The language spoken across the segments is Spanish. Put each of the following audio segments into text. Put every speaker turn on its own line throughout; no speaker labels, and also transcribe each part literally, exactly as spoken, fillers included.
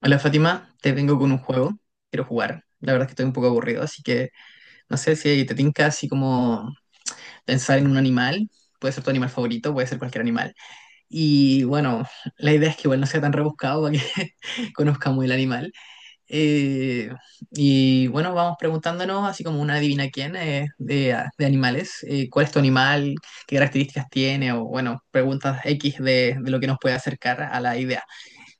Hola Fátima, te vengo con un juego. Quiero jugar. La verdad es que estoy un poco aburrido, así que no sé si te tinca así como pensar en un animal. Puede ser tu animal favorito, puede ser cualquier animal. Y bueno, la idea es que igual no sea tan rebuscado para que conozcamos el animal. Eh, y bueno, vamos preguntándonos así como una adivina quién eh, de, de animales. Eh, ¿cuál es tu animal? ¿Qué características tiene? O bueno, preguntas X de, de lo que nos puede acercar a la idea.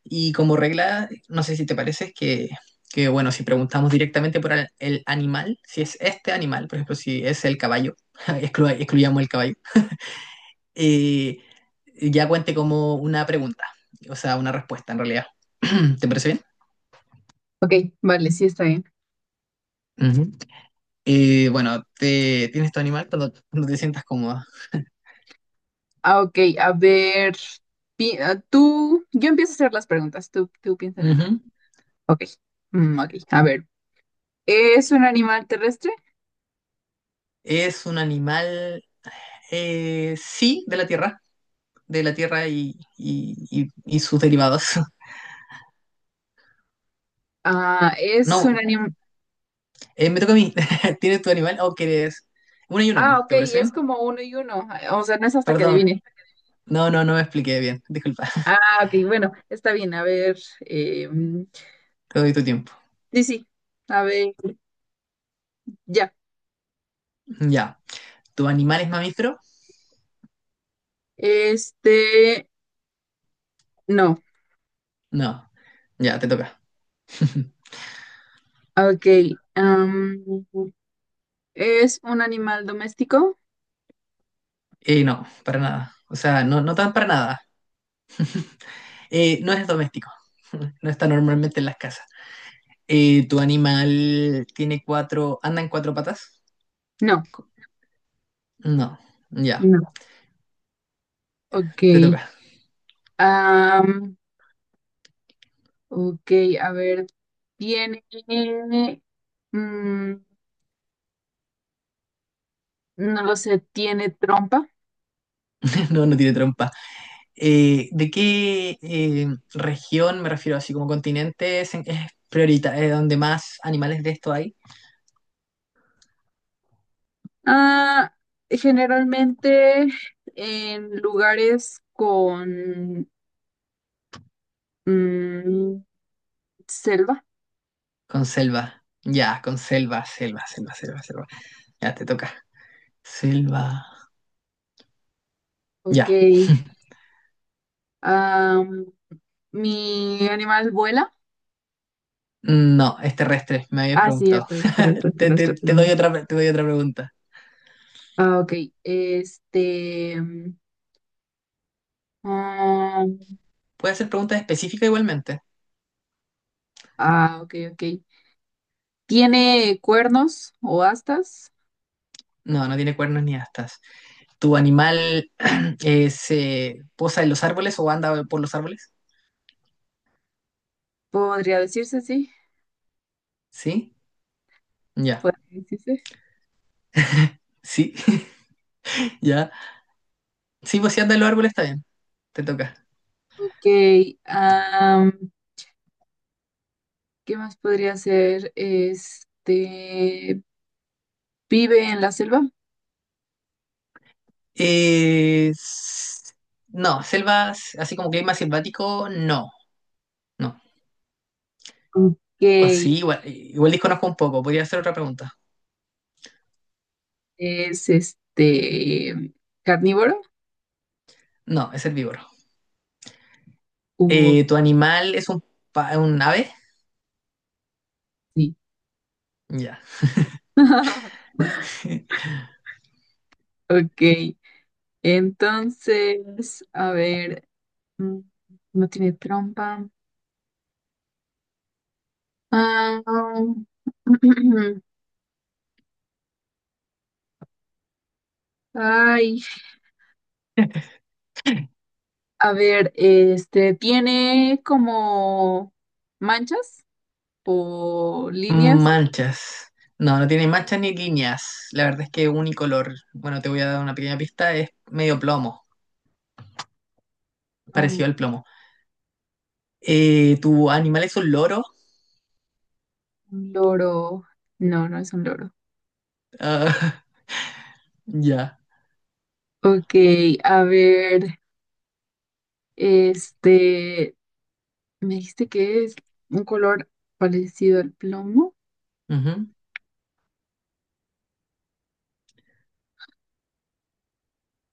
Y como regla, no sé si te parece, es que, que bueno, si preguntamos directamente por el, el animal, si es este animal, por ejemplo, si es el caballo, exclu- excluyamos el caballo, eh, ya cuente como una pregunta, o sea, una respuesta en realidad. ¿Te parece
Ok, vale, sí está bien.
bien? Ujú. Eh, bueno, te, ¿tienes tu animal cuando, cuando te sientas cómoda?
Ah, ok, a ver, pi- ah, tú, yo empiezo a hacer las preguntas, tú, tú piensa en algo.
Ujú.
Ok, mm, ok, a ver, ¿es un animal terrestre?
Es un animal, eh, sí, de la tierra, de la tierra y, y, y- y sus derivados.
Ah, es un
No.
animal,
Eh, me toca a mí. ¿Tienes tu animal o quieres...? Una y una,
ah, ok,
¿te parece
es
bien?
como uno y uno, ah, o sea, no es hasta que
Perdón.
adivine.
No, no, no me expliqué bien. Disculpa.
Ah, ok, bueno, está bien, a ver, eh, mm,
Te doy tu tiempo.
sí, sí, a ver, ya,
Ya. ¿Tu animal es mamífero?
este, no,
No. Ya, te toca.
ok, am, ¿es un animal doméstico?
Eh, no, para nada. O sea, no, no tan para nada. Eh, no es doméstico. No está normalmente en las casas. Eh, ¿tu animal tiene cuatro... anda en cuatro patas?
No,
No. Ya,
no, ok.
te toca.
Am, ok, a ver, tiene, mm, no lo sé, tiene trompa.
No, no tiene trompa. Eh, ¿de qué eh, región, me refiero así como continente, es, en- es priorita, eh, donde más animales de esto hay?
Ah, generalmente en lugares con mm, selva.
Con selva. Ya, con selva, selva, selva, selva, selva. Ya, te toca. Selva.
Ok.
Ya.
am, Mi animal vuela.
No, es terrestre, me habías
Ah, sí,
preguntado.
cierto, es terrestre, es
Te, te-
terrestre,
te doy
perdón.
otra, pre- te doy otra pregunta.
Ah, ok. Este. mm, ah,
¿Puede ser pregunta específica igualmente?
ah, ok, ok. ¿Tiene cuernos o astas?
No, no tiene cuernos ni astas. ¿Tu animal eh, se posa en los árboles o anda por los árboles?
Podría decirse, sí,
¿Sí? Ya.
podría decirse.
¿Sí? ¿Ya? Sí, pues si andas en los árboles está bien. Te toca.
Ok, am, ¿qué más podría ser? Este, ¿vive en la selva?
Eh, s- no, selvas, así como clima selvático, no. No.
Ok,
O sí, igual, igual desconozco un poco. Podría hacer otra pregunta.
¿es este carnívoro?
No, es herbívoro.
O
Eh, ¿tu animal es un, pa- un ave?
sí.
Ya.
Ok, entonces, a ver, mm, no tiene trompa. Ah, ay, a ver, este, ¿tiene como manchas? O líneas.
Manchas. No, no tiene manchas ni líneas. La verdad es que es unicolor. Bueno, te voy a dar una pequeña pista. Es medio plomo,
No,
parecido al plomo. Eh, ¿tu animal es un loro?
un loro. No, no es un loro.
Ah, ya.
Ok, a ver, este, me dijiste que es un color parecido al plomo.
Ujú.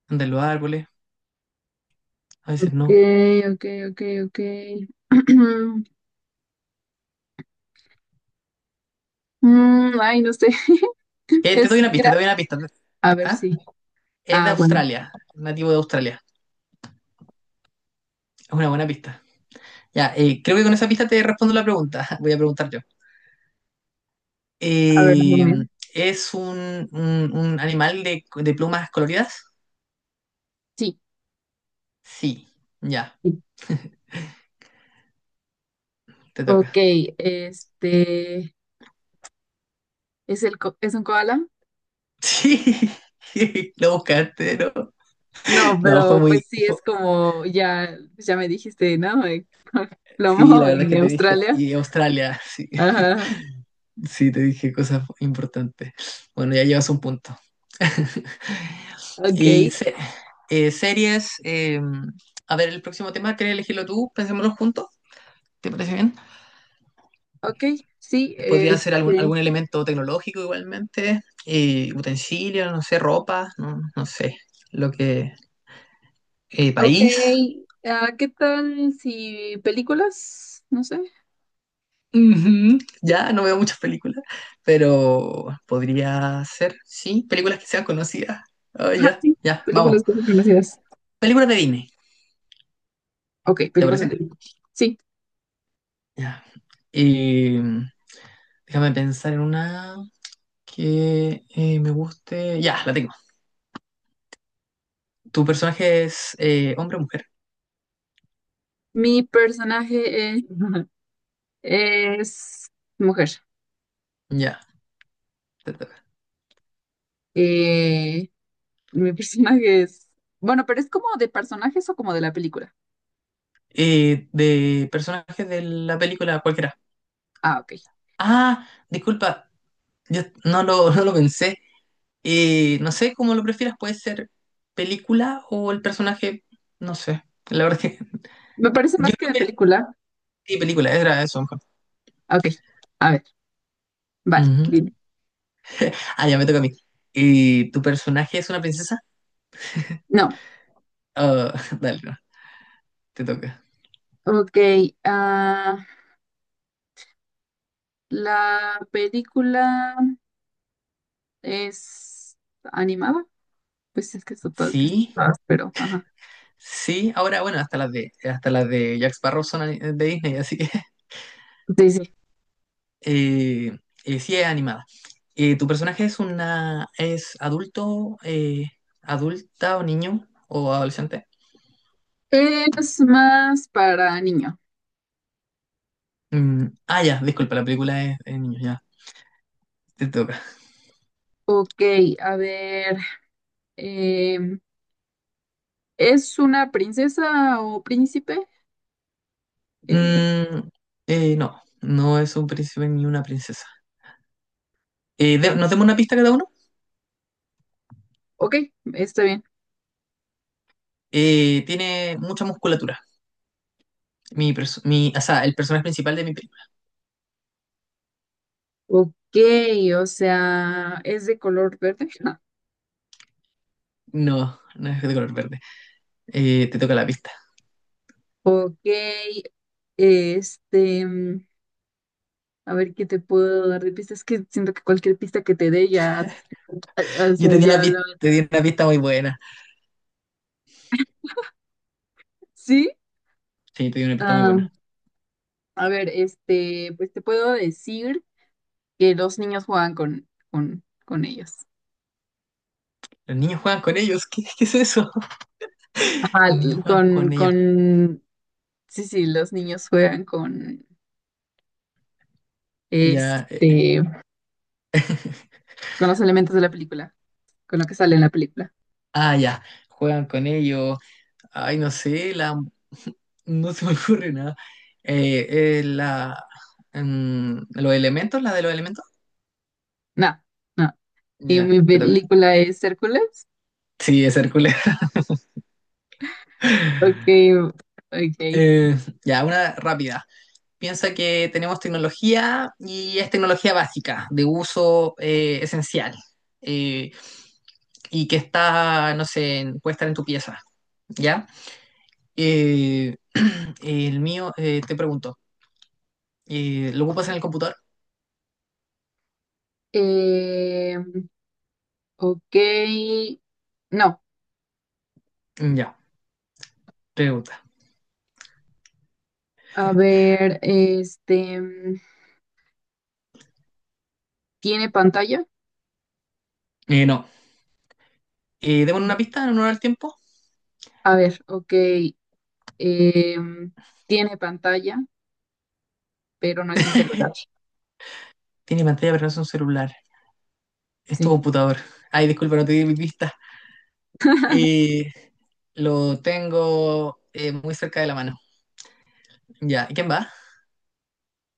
Anda los árboles. A veces
Ok,
no.
ok, ok, ok. Mm, ay, no sé.
Eh, te
Es
doy una pista, te
gra-
doy una pista.
A ver,
¿Ah?
sí.
Es de
Ah, bueno.
Australia, nativo de Australia. Es una buena pista. Ya, eh, creo que con esa pista te respondo la pregunta. Voy a preguntar yo.
A ver,
Eh,
dime.
¿es un, un- un animal de, de plumas coloridas?
Sí.
Sí. Ya,
Sí.
te toca.
Ok, este, ¿es el co- es un koala?
Sí, lo buscaste, ¿no?
No,
No, fue
pero
muy...
pues sí
fue-
es como ya, ya me dijiste, ¿no?
Sí, la
Plomo
verdad es que
en
te dije.
Australia.
Y Australia, sí.
Ajá,
Sí, te dije cosas importantes. Bueno, ya llevas un punto.
ok,
Y se- eh, series, eh, a ver, el próximo tema, ¿quieres elegirlo tú? Pensémoslo juntos, ¿te parece bien?
ok, sí,
Podría ser algún,
este,
algún elemento tecnológico igualmente, eh, utensilio, no sé, ropa, no, no sé, lo que... eh,
ok,
país.
ah, ¿qué tal si películas? No sé.
Ujú, ya no veo muchas películas, pero podría ser, sí, películas que sean conocidas. Ah,
Ajá,
ya,
sí,
ya,
películas
vamos.
que son conocidas.
Películas de Disney,
Ok,
¿te
películas de...
parece?
Sí,
Ya. Y mm, déjame pensar en una que eh, me guste. Ya, la tengo. ¿Tu personaje es eh, hombre o mujer?
mi personaje eh, es mujer.
Ya, te toca.
Eh, mi personaje es... Bueno, pero es como de personajes o como de la película.
Eh, de personajes de la película cualquiera.
Ah, ok.
Ah, disculpa, yo no lo, no lo pensé. Eh, no sé cómo lo prefieras, puede ser película o el personaje, no sé. La verdad es que
Me parece
yo
más que
creo
de
que pel-
película.
sí, película, era eso mejor.
Ok, a ver, vale,
Ujú.
dime.
Ah, ya me toca a mí. Eh, ¿tu personaje es una princesa?
No,
Ah, dale, te toca.
ok, ah... La película es animada, pues es que está todo que
Sí,
está- pero ajá.
sí. Ahora, bueno, hasta las de, hasta las de Jack Sparrow son ani- de Disney, así que
Sí, sí.
eh, eh, sí es animada. Eh, ¿tu personaje es una, es adulto, eh, adulta o niño o adolescente?
Es más para niño.
Mm, ah, ya, disculpa, la película es de niños, ya. Te toca.
Ok, a ver. em, ¿Es una princesa o príncipe? Eh,
Mm, eh, no, no es un príncipe ni una princesa. Eh, de- ¿nos demos una pista cada uno?
ok, está bien.
Eh, tiene mucha musculatura. Mi, perso- mi, o sea, El personaje principal de mi película.
Ok, o sea, es de color verde.
No, no es de color verde. eh, te toca la pista.
Ok, este, mm, a ver qué te puedo dar de pistas. Es que siento que cualquier pista que te dé ya, o
Yo
sea,
te di una
ya
pista,
la
te di una pista muy buena.
sí,
Sí, te di una pista muy
ah,
buena.
a ver, este, pues te puedo decir que los niños juegan con, con, con ellos.
Los niños juegan con ellos. ¿Qué, qué es eso?
Ajá,
Los niños juegan
con,
con ellos.
con, sí, sí, los niños juegan con,
Ya. eh,
este, con los elementos de la película, con lo que sale en la película.
ah, ya. Juegan con ellos. Ay, no sé, la... No se me ocurre nada. Eh, eh, la... mm, los elementos, la de los elementos.
No, no. ¿Y
Ya,
mi
te toca.
película es Hércules?
Sí, es Hércules.
Ok, ok.
Eh, ya, una rápida. Piensa que tenemos tecnología y es tecnología básica, de uso eh, esencial, eh, y que está, no sé, en- puede estar en tu pieza, ¿ya? Eh, el mío, eh, te pregunto, eh, ¿lo ocupas en el computador?
Eh, ok, no.
Ya, pregunta.
A ver, este, ¿tiene pantalla?
Eh, no. Eh, démosle una pista en honor al tiempo.
A ver, ok. Eh, tiene pantalla, pero no es un celular.
Tiene pantalla, pero no es un celular. Es tu
Sí.
computador. Ay, disculpa, no te di mi pista. Eh, lo tengo eh, muy cerca de la mano. Ya, ¿y quién va?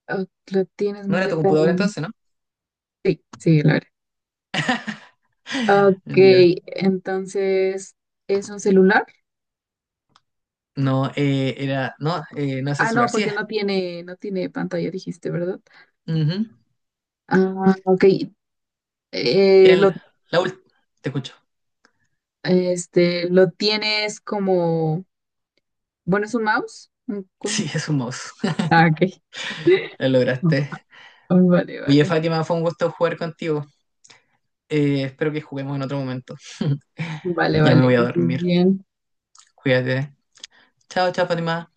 Ah, lo tienes
No
muy
era tu
cerca de la
computador
mano.
entonces, ¿no?
Sí, sí, lo era. Ok,
Ya.
entonces, ¿es un celular?
No, eh, era. No, eh, no es el
Ah, no,
celular. Sí
porque
es.
no tiene, no tiene pantalla, dijiste, ¿verdad?
Ujú.
Ah, ok. Eh,
Tiene
lo,
la última. Te escucho.
este, lo tienes como, bueno, es un mouse. Un- un-
Sí, es un mouse.
Ah, ok.
Lo lograste.
Vale,
Oye,
vale.
Fátima, fue un gusto jugar contigo. Eh, espero que juguemos en otro momento.
Vale,
Ya me
vale,
voy
que
a
estés
dormir.
bien.
Cuídate. Chao, chao, Fátima.